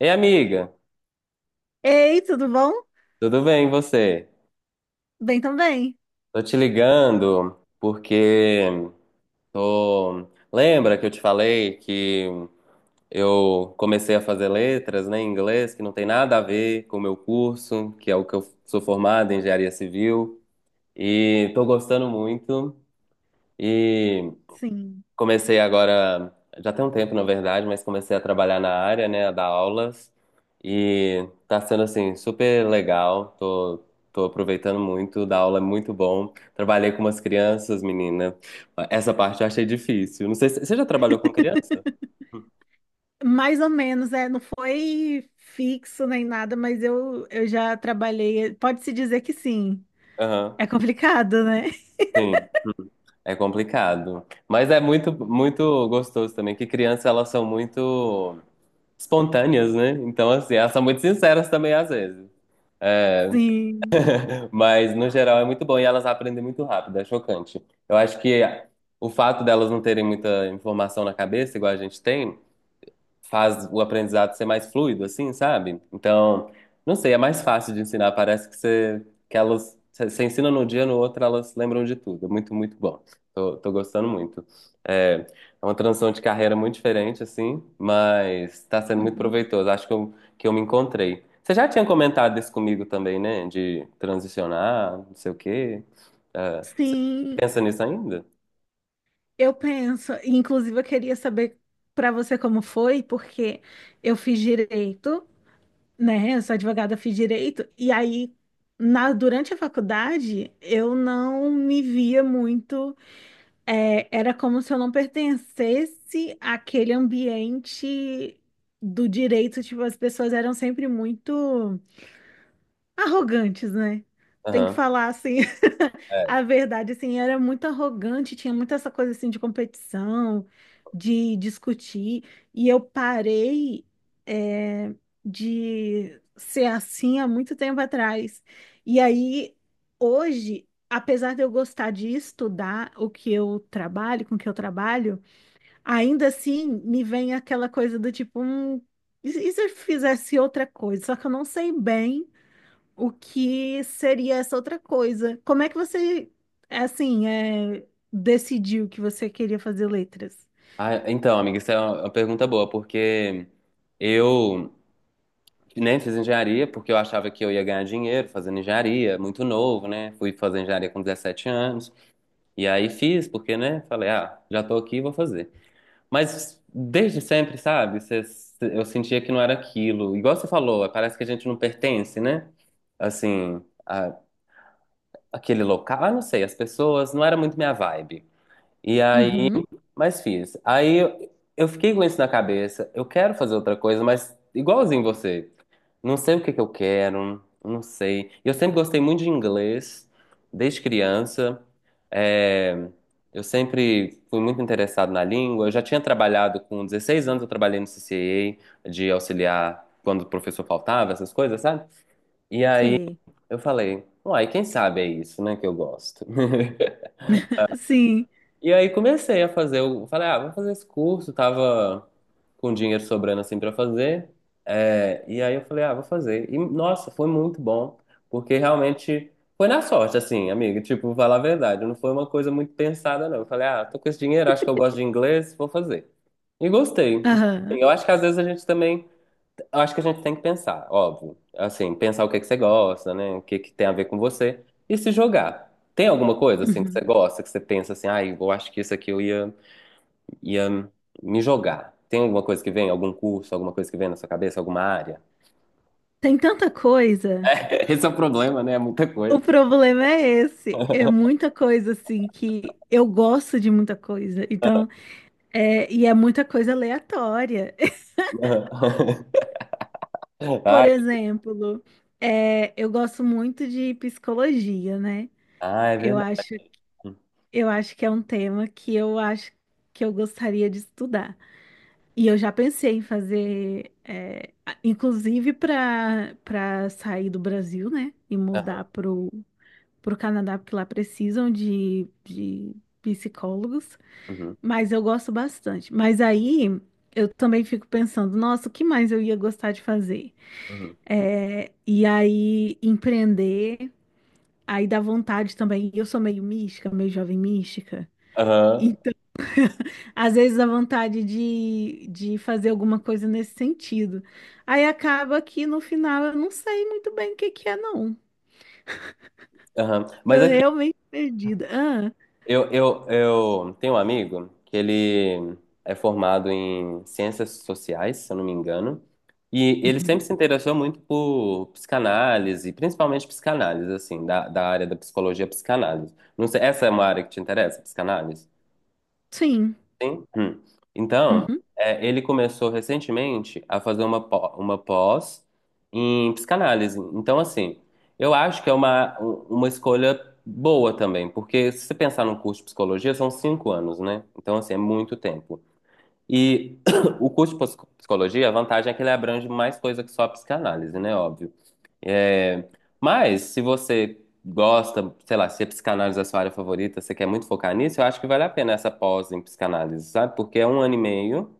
Ei, amiga, Ei, tudo bom? tudo bem e você? Bem também. Tô te ligando porque tô. Lembra que eu te falei que eu comecei a fazer letras, né, em inglês, que não tem nada a ver com o meu curso, que é o que eu sou formado em engenharia civil, e tô gostando muito. E Sim. Comecei agora, já tem um tempo, na verdade, mas comecei a trabalhar na área, né, a dar aulas. E tá sendo, assim, super legal. Tô aproveitando muito, dar aula é muito bom. Trabalhei com umas crianças, menina. Essa parte eu achei difícil. Não sei se você já trabalhou com criança? Mais ou menos, não foi fixo nem nada, mas eu já trabalhei. Pode-se dizer que sim. Aham. É complicado, né? Sim, é complicado. Mas é muito, muito gostoso também, que crianças, elas são muito espontâneas, né? Então, assim, elas são muito sinceras também, às vezes. É, Sim. Mas, no geral, é muito bom e elas aprendem muito rápido, é chocante. Eu acho que o fato delas não terem muita informação na cabeça, igual a gente tem, faz o aprendizado ser mais fluido, assim, sabe? Então, não sei, é mais fácil de ensinar. Parece que você, que elas, você ensina num dia, no outro, elas lembram de tudo. É muito, muito bom. Tô gostando muito. É uma transição de carreira muito diferente, assim, mas tá sendo muito Uhum. proveitoso. Acho que que eu me encontrei. Você já tinha comentado isso comigo também, né? De transicionar, não sei o quê. É, Sim, pensa nisso ainda? eu penso. Inclusive, eu queria saber para você como foi, porque eu fiz direito, né? Eu sou advogada, fiz direito, e aí, durante a faculdade, eu não me via muito. É, era como se eu não pertencesse àquele ambiente do direito, tipo, as pessoas eram sempre muito arrogantes, né? Tem que Aham. falar assim, É. a verdade, assim, era muito arrogante, tinha muito essa coisa assim de competição, de discutir, e eu parei é, de ser assim há muito tempo atrás. E aí, hoje, apesar de eu gostar de estudar o que eu trabalho, com o que eu trabalho, ainda assim me vem aquela coisa do tipo, e se eu fizesse outra coisa? Só que eu não sei bem o que seria essa outra coisa. Como é que você, assim, decidiu que você queria fazer letras? Ah, então, amiga, isso é uma pergunta boa, porque eu nem fiz engenharia, porque eu achava que eu ia ganhar dinheiro fazendo engenharia, muito novo, né? Fui fazer engenharia com 17 anos. E aí fiz, porque, né? Falei, ah, já tô aqui, vou fazer. Mas desde sempre, sabe? Eu sentia que não era aquilo. Igual você falou, parece que a gente não pertence, né? Assim, a- aquele local, ah, não sei, as pessoas, não era muito minha vibe. E aí, Uhum, mas fiz. Aí eu fiquei com isso na cabeça, eu quero fazer outra coisa, mas igualzinho você. Não sei o que que eu quero, não sei. Eu sempre gostei muito de inglês, desde criança. É, eu sempre fui muito interessado na língua. Eu já tinha trabalhado com 16 anos, eu trabalhei no CCA de auxiliar quando o professor faltava, essas coisas, sabe? E aí sei. eu falei, uai, quem sabe é isso, né, que eu gosto. Sim. E aí comecei a fazer, eu falei, ah, vou fazer esse curso, tava com dinheiro sobrando assim pra fazer. É, e aí eu falei, ah, vou fazer. E nossa, foi muito bom, porque realmente foi na sorte, assim, amiga, tipo, falar a verdade, não foi uma coisa muito pensada, não. Eu falei, ah, tô com esse dinheiro, acho que eu gosto de inglês, vou fazer. E gostei. Assim, Aham. eu acho que às vezes a gente também eu acho que a gente tem que pensar, óbvio. Assim, pensar o que é que você gosta, né? O que é que tem a ver com você e se jogar. Tem alguma coisa assim que você Uhum. gosta, que você pensa assim, ai, eu acho que isso aqui eu ia, ia me jogar. Tem alguma coisa que vem, algum curso, alguma coisa que vem na sua cabeça, alguma área? Tem tanta coisa. Esse é o problema, né? É muita O coisa. problema é esse. É muita coisa, assim, que eu gosto de muita coisa. Então, e é muita coisa aleatória. Por Ai, exemplo, eu gosto muito de psicologia, né? ah, é Eu verdade. acho Eu acho que é um tema que eu acho que eu gostaria de estudar. E eu já pensei em fazer, inclusive para sair do Brasil, né? E Aham, mudar pro Canadá, porque lá precisam de psicólogos. uhum, Mas eu gosto bastante. Mas aí eu também fico pensando, nossa, o que mais eu ia gostar de fazer? uhum. E aí empreender, aí dá vontade também. Eu sou meio mística, meio jovem mística. Aham, Às vezes a vontade de fazer alguma coisa nesse sentido. Aí acaba que no final eu não sei muito bem o que que é, não. aham. Mas Tô aqui realmente perdida. Ah, eu tenho um amigo que ele é formado em ciências sociais, se eu não me engano, e ele uhum. sempre se interessou muito por psicanálise, principalmente psicanálise, assim, da, da área da psicologia psicanálise. Não sei, essa é uma área que te interessa, psicanálise? Sim. Sim. Hum. Então, Uhum. é, ele começou recentemente a fazer uma pós em psicanálise. Então, assim, eu acho que é uma, uma escolha boa também, porque se você pensar no curso de psicologia, são 5 anos, né? Então, assim, é muito tempo. E o curso de psicologia, a vantagem é que ele abrange mais coisa que só a psicanálise, né? Óbvio. É, mas, se você gosta, sei lá, se a psicanálise é a sua área favorita, você quer muito focar nisso, eu acho que vale a pena essa pós em psicanálise, sabe? Porque é um ano e meio,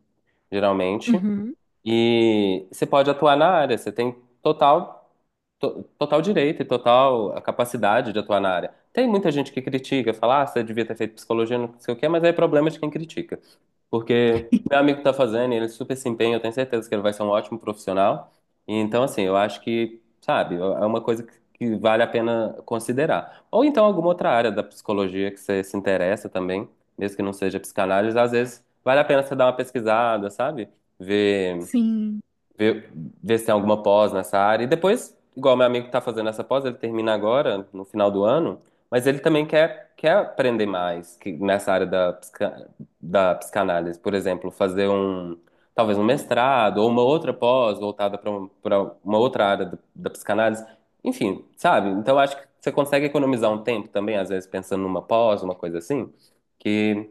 geralmente, Uhum. e você pode atuar na área, você tem total, total direito e total a capacidade de atuar na área. Tem muita gente que critica, fala, ah, você devia ter feito psicologia, não sei o quê, mas aí é problema de quem critica. Porque meu amigo tá fazendo, e ele super se empenha, eu tenho certeza que ele vai ser um ótimo profissional. E então, assim, eu acho que, sabe, é uma coisa que vale a pena considerar. Ou então alguma outra área da psicologia que você se interessa também, mesmo que não seja psicanálise, às vezes vale a pena você dar uma pesquisada, sabe? Ver Sim. Ver, ver se tem alguma pós nessa área. E depois, igual meu amigo tá fazendo essa pós, ele termina agora, no final do ano, mas ele também quer aprender mais que, nessa área da, da psicanálise. Por exemplo, fazer um, talvez um mestrado ou uma outra pós voltada para um, para uma outra área da, da psicanálise. Enfim, sabe? Então acho que você consegue economizar um tempo também, às vezes pensando numa pós, uma coisa assim, que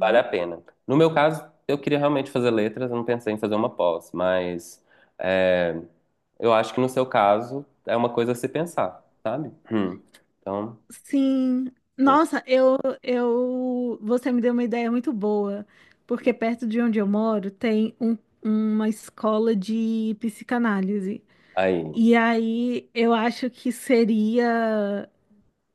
vale a pena. No meu caso, eu queria realmente fazer letras, eu não pensei em fazer uma pós, mas é, eu acho que no seu caso é uma coisa a se pensar, sabe? Hum. Então, Sim. Nossa, você me deu uma ideia muito boa, porque perto de onde eu moro tem uma escola de psicanálise. aí. E aí eu acho que seria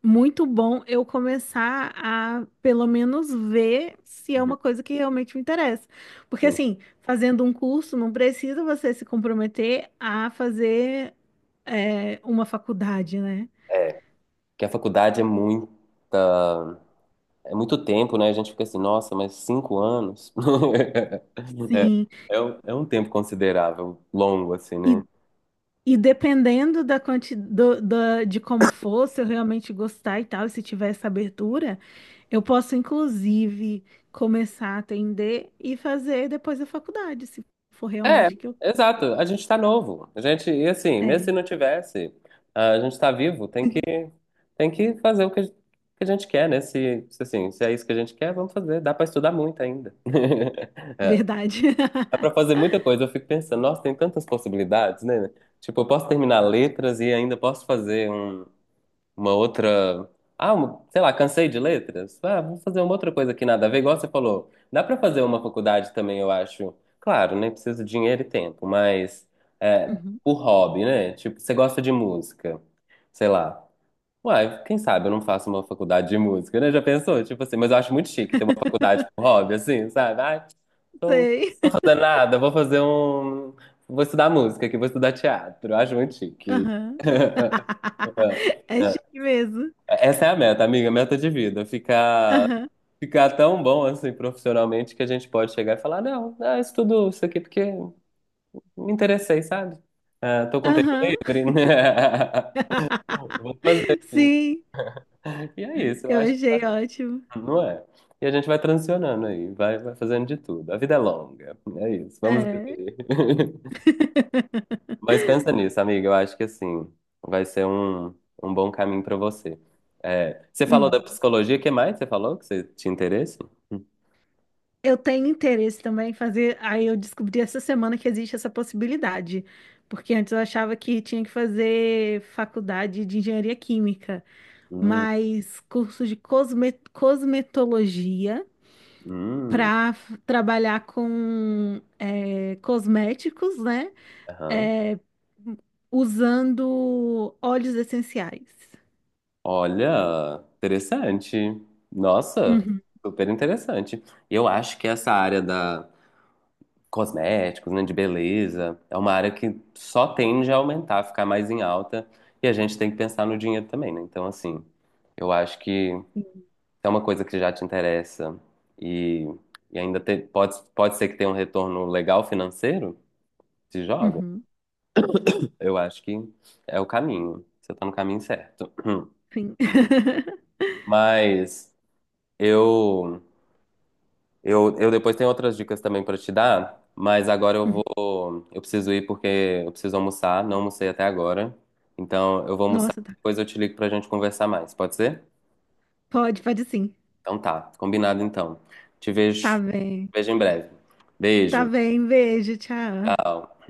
muito bom eu começar a, pelo menos, ver se é Uhum. uma coisa que realmente me interessa. Porque, Sim. assim, fazendo um curso, não precisa você se comprometer a fazer, uma faculdade, né? Que a faculdade é muito tempo, né? A gente fica assim, nossa, mas 5 anos? Sim. É, é um tempo considerável, longo, assim, né? E, e dependendo da quanti do da de como for, se eu realmente gostar e tal, e se tiver essa abertura, eu posso, inclusive, começar a atender e fazer depois a faculdade, se for É, realmente que eu. exato. A gente tá novo. A gente, e assim, mesmo se É, não tivesse, a gente tá vivo, tem que fazer o que, que a gente quer, né? Se, assim, se é isso que a gente quer, vamos fazer. Dá pra estudar muito ainda. É, verdade. dá pra fazer muita coisa. Eu fico pensando, nossa, tem tantas possibilidades, né? Tipo, eu posso terminar letras e ainda posso fazer uma outra. Ah, sei lá, cansei de letras. Ah, vou fazer uma outra coisa que nada a ver, igual você falou. Dá pra fazer uma faculdade também, eu acho. Claro, né? Precisa de dinheiro e tempo, mas é, Uhum. por hobby, né? Tipo, você gosta de música, sei lá. Uai, quem sabe eu não faço uma faculdade de música, né? Já pensou? Tipo assim, mas eu acho muito chique ter uma faculdade por hobby, assim, sabe? Ah, tô Sei. fazendo nada, vou fazer um. Vou estudar música aqui, vou estudar teatro. Eu acho muito chique. Aham. É chique mesmo. Essa é a meta, amiga, meta de vida. Ficar, Aham. ficar tão bom assim profissionalmente que a gente pode chegar e falar, não, ah, isso aqui porque me interessei, sabe? Ah, tô com tempo Aham. livre. Vou fazer. Sim, E é isso, eu eu acho achei ótimo. que não é. E a gente vai transicionando aí, vai fazendo de tudo. A vida é longa, é isso, vamos É. viver. Mas pensa nisso, amiga, eu acho que assim, vai ser um, um bom caminho pra você. É, você falou da Uhum. psicologia, o que mais você falou que você tinha interesse? Hum. Eu tenho interesse também em fazer. Aí eu descobri essa semana que existe essa possibilidade. Porque antes eu achava que tinha que fazer faculdade de engenharia química, Hum. mas curso de cosmetologia Hum, para trabalhar com cosméticos, né? aham. é, Usando óleos essenciais. Olha, interessante. Nossa, Uhum, super interessante. Eu acho que essa área da cosméticos, né, de beleza, é uma área que só tende a aumentar, ficar mais em alta, e a gente tem que pensar no dinheiro também, né? Então, assim, eu acho que se é uma coisa que já te interessa e, e ainda pode, pode ser que tenha um retorno legal financeiro, se joga. uhum, Eu acho que é o caminho. Você está no caminho certo. sim. Mas Eu, eu depois tenho outras dicas também pra te dar, mas agora Uhum. Eu preciso ir porque eu preciso almoçar, não almocei até agora. Então eu vou almoçar, Nossa, tá. depois eu te ligo pra gente conversar mais, pode ser? Pode, pode sim. Então tá, combinado então. Te Tá vejo, bem. vejo em breve. Tá Beijo, bem, beijo, tchau. tchau.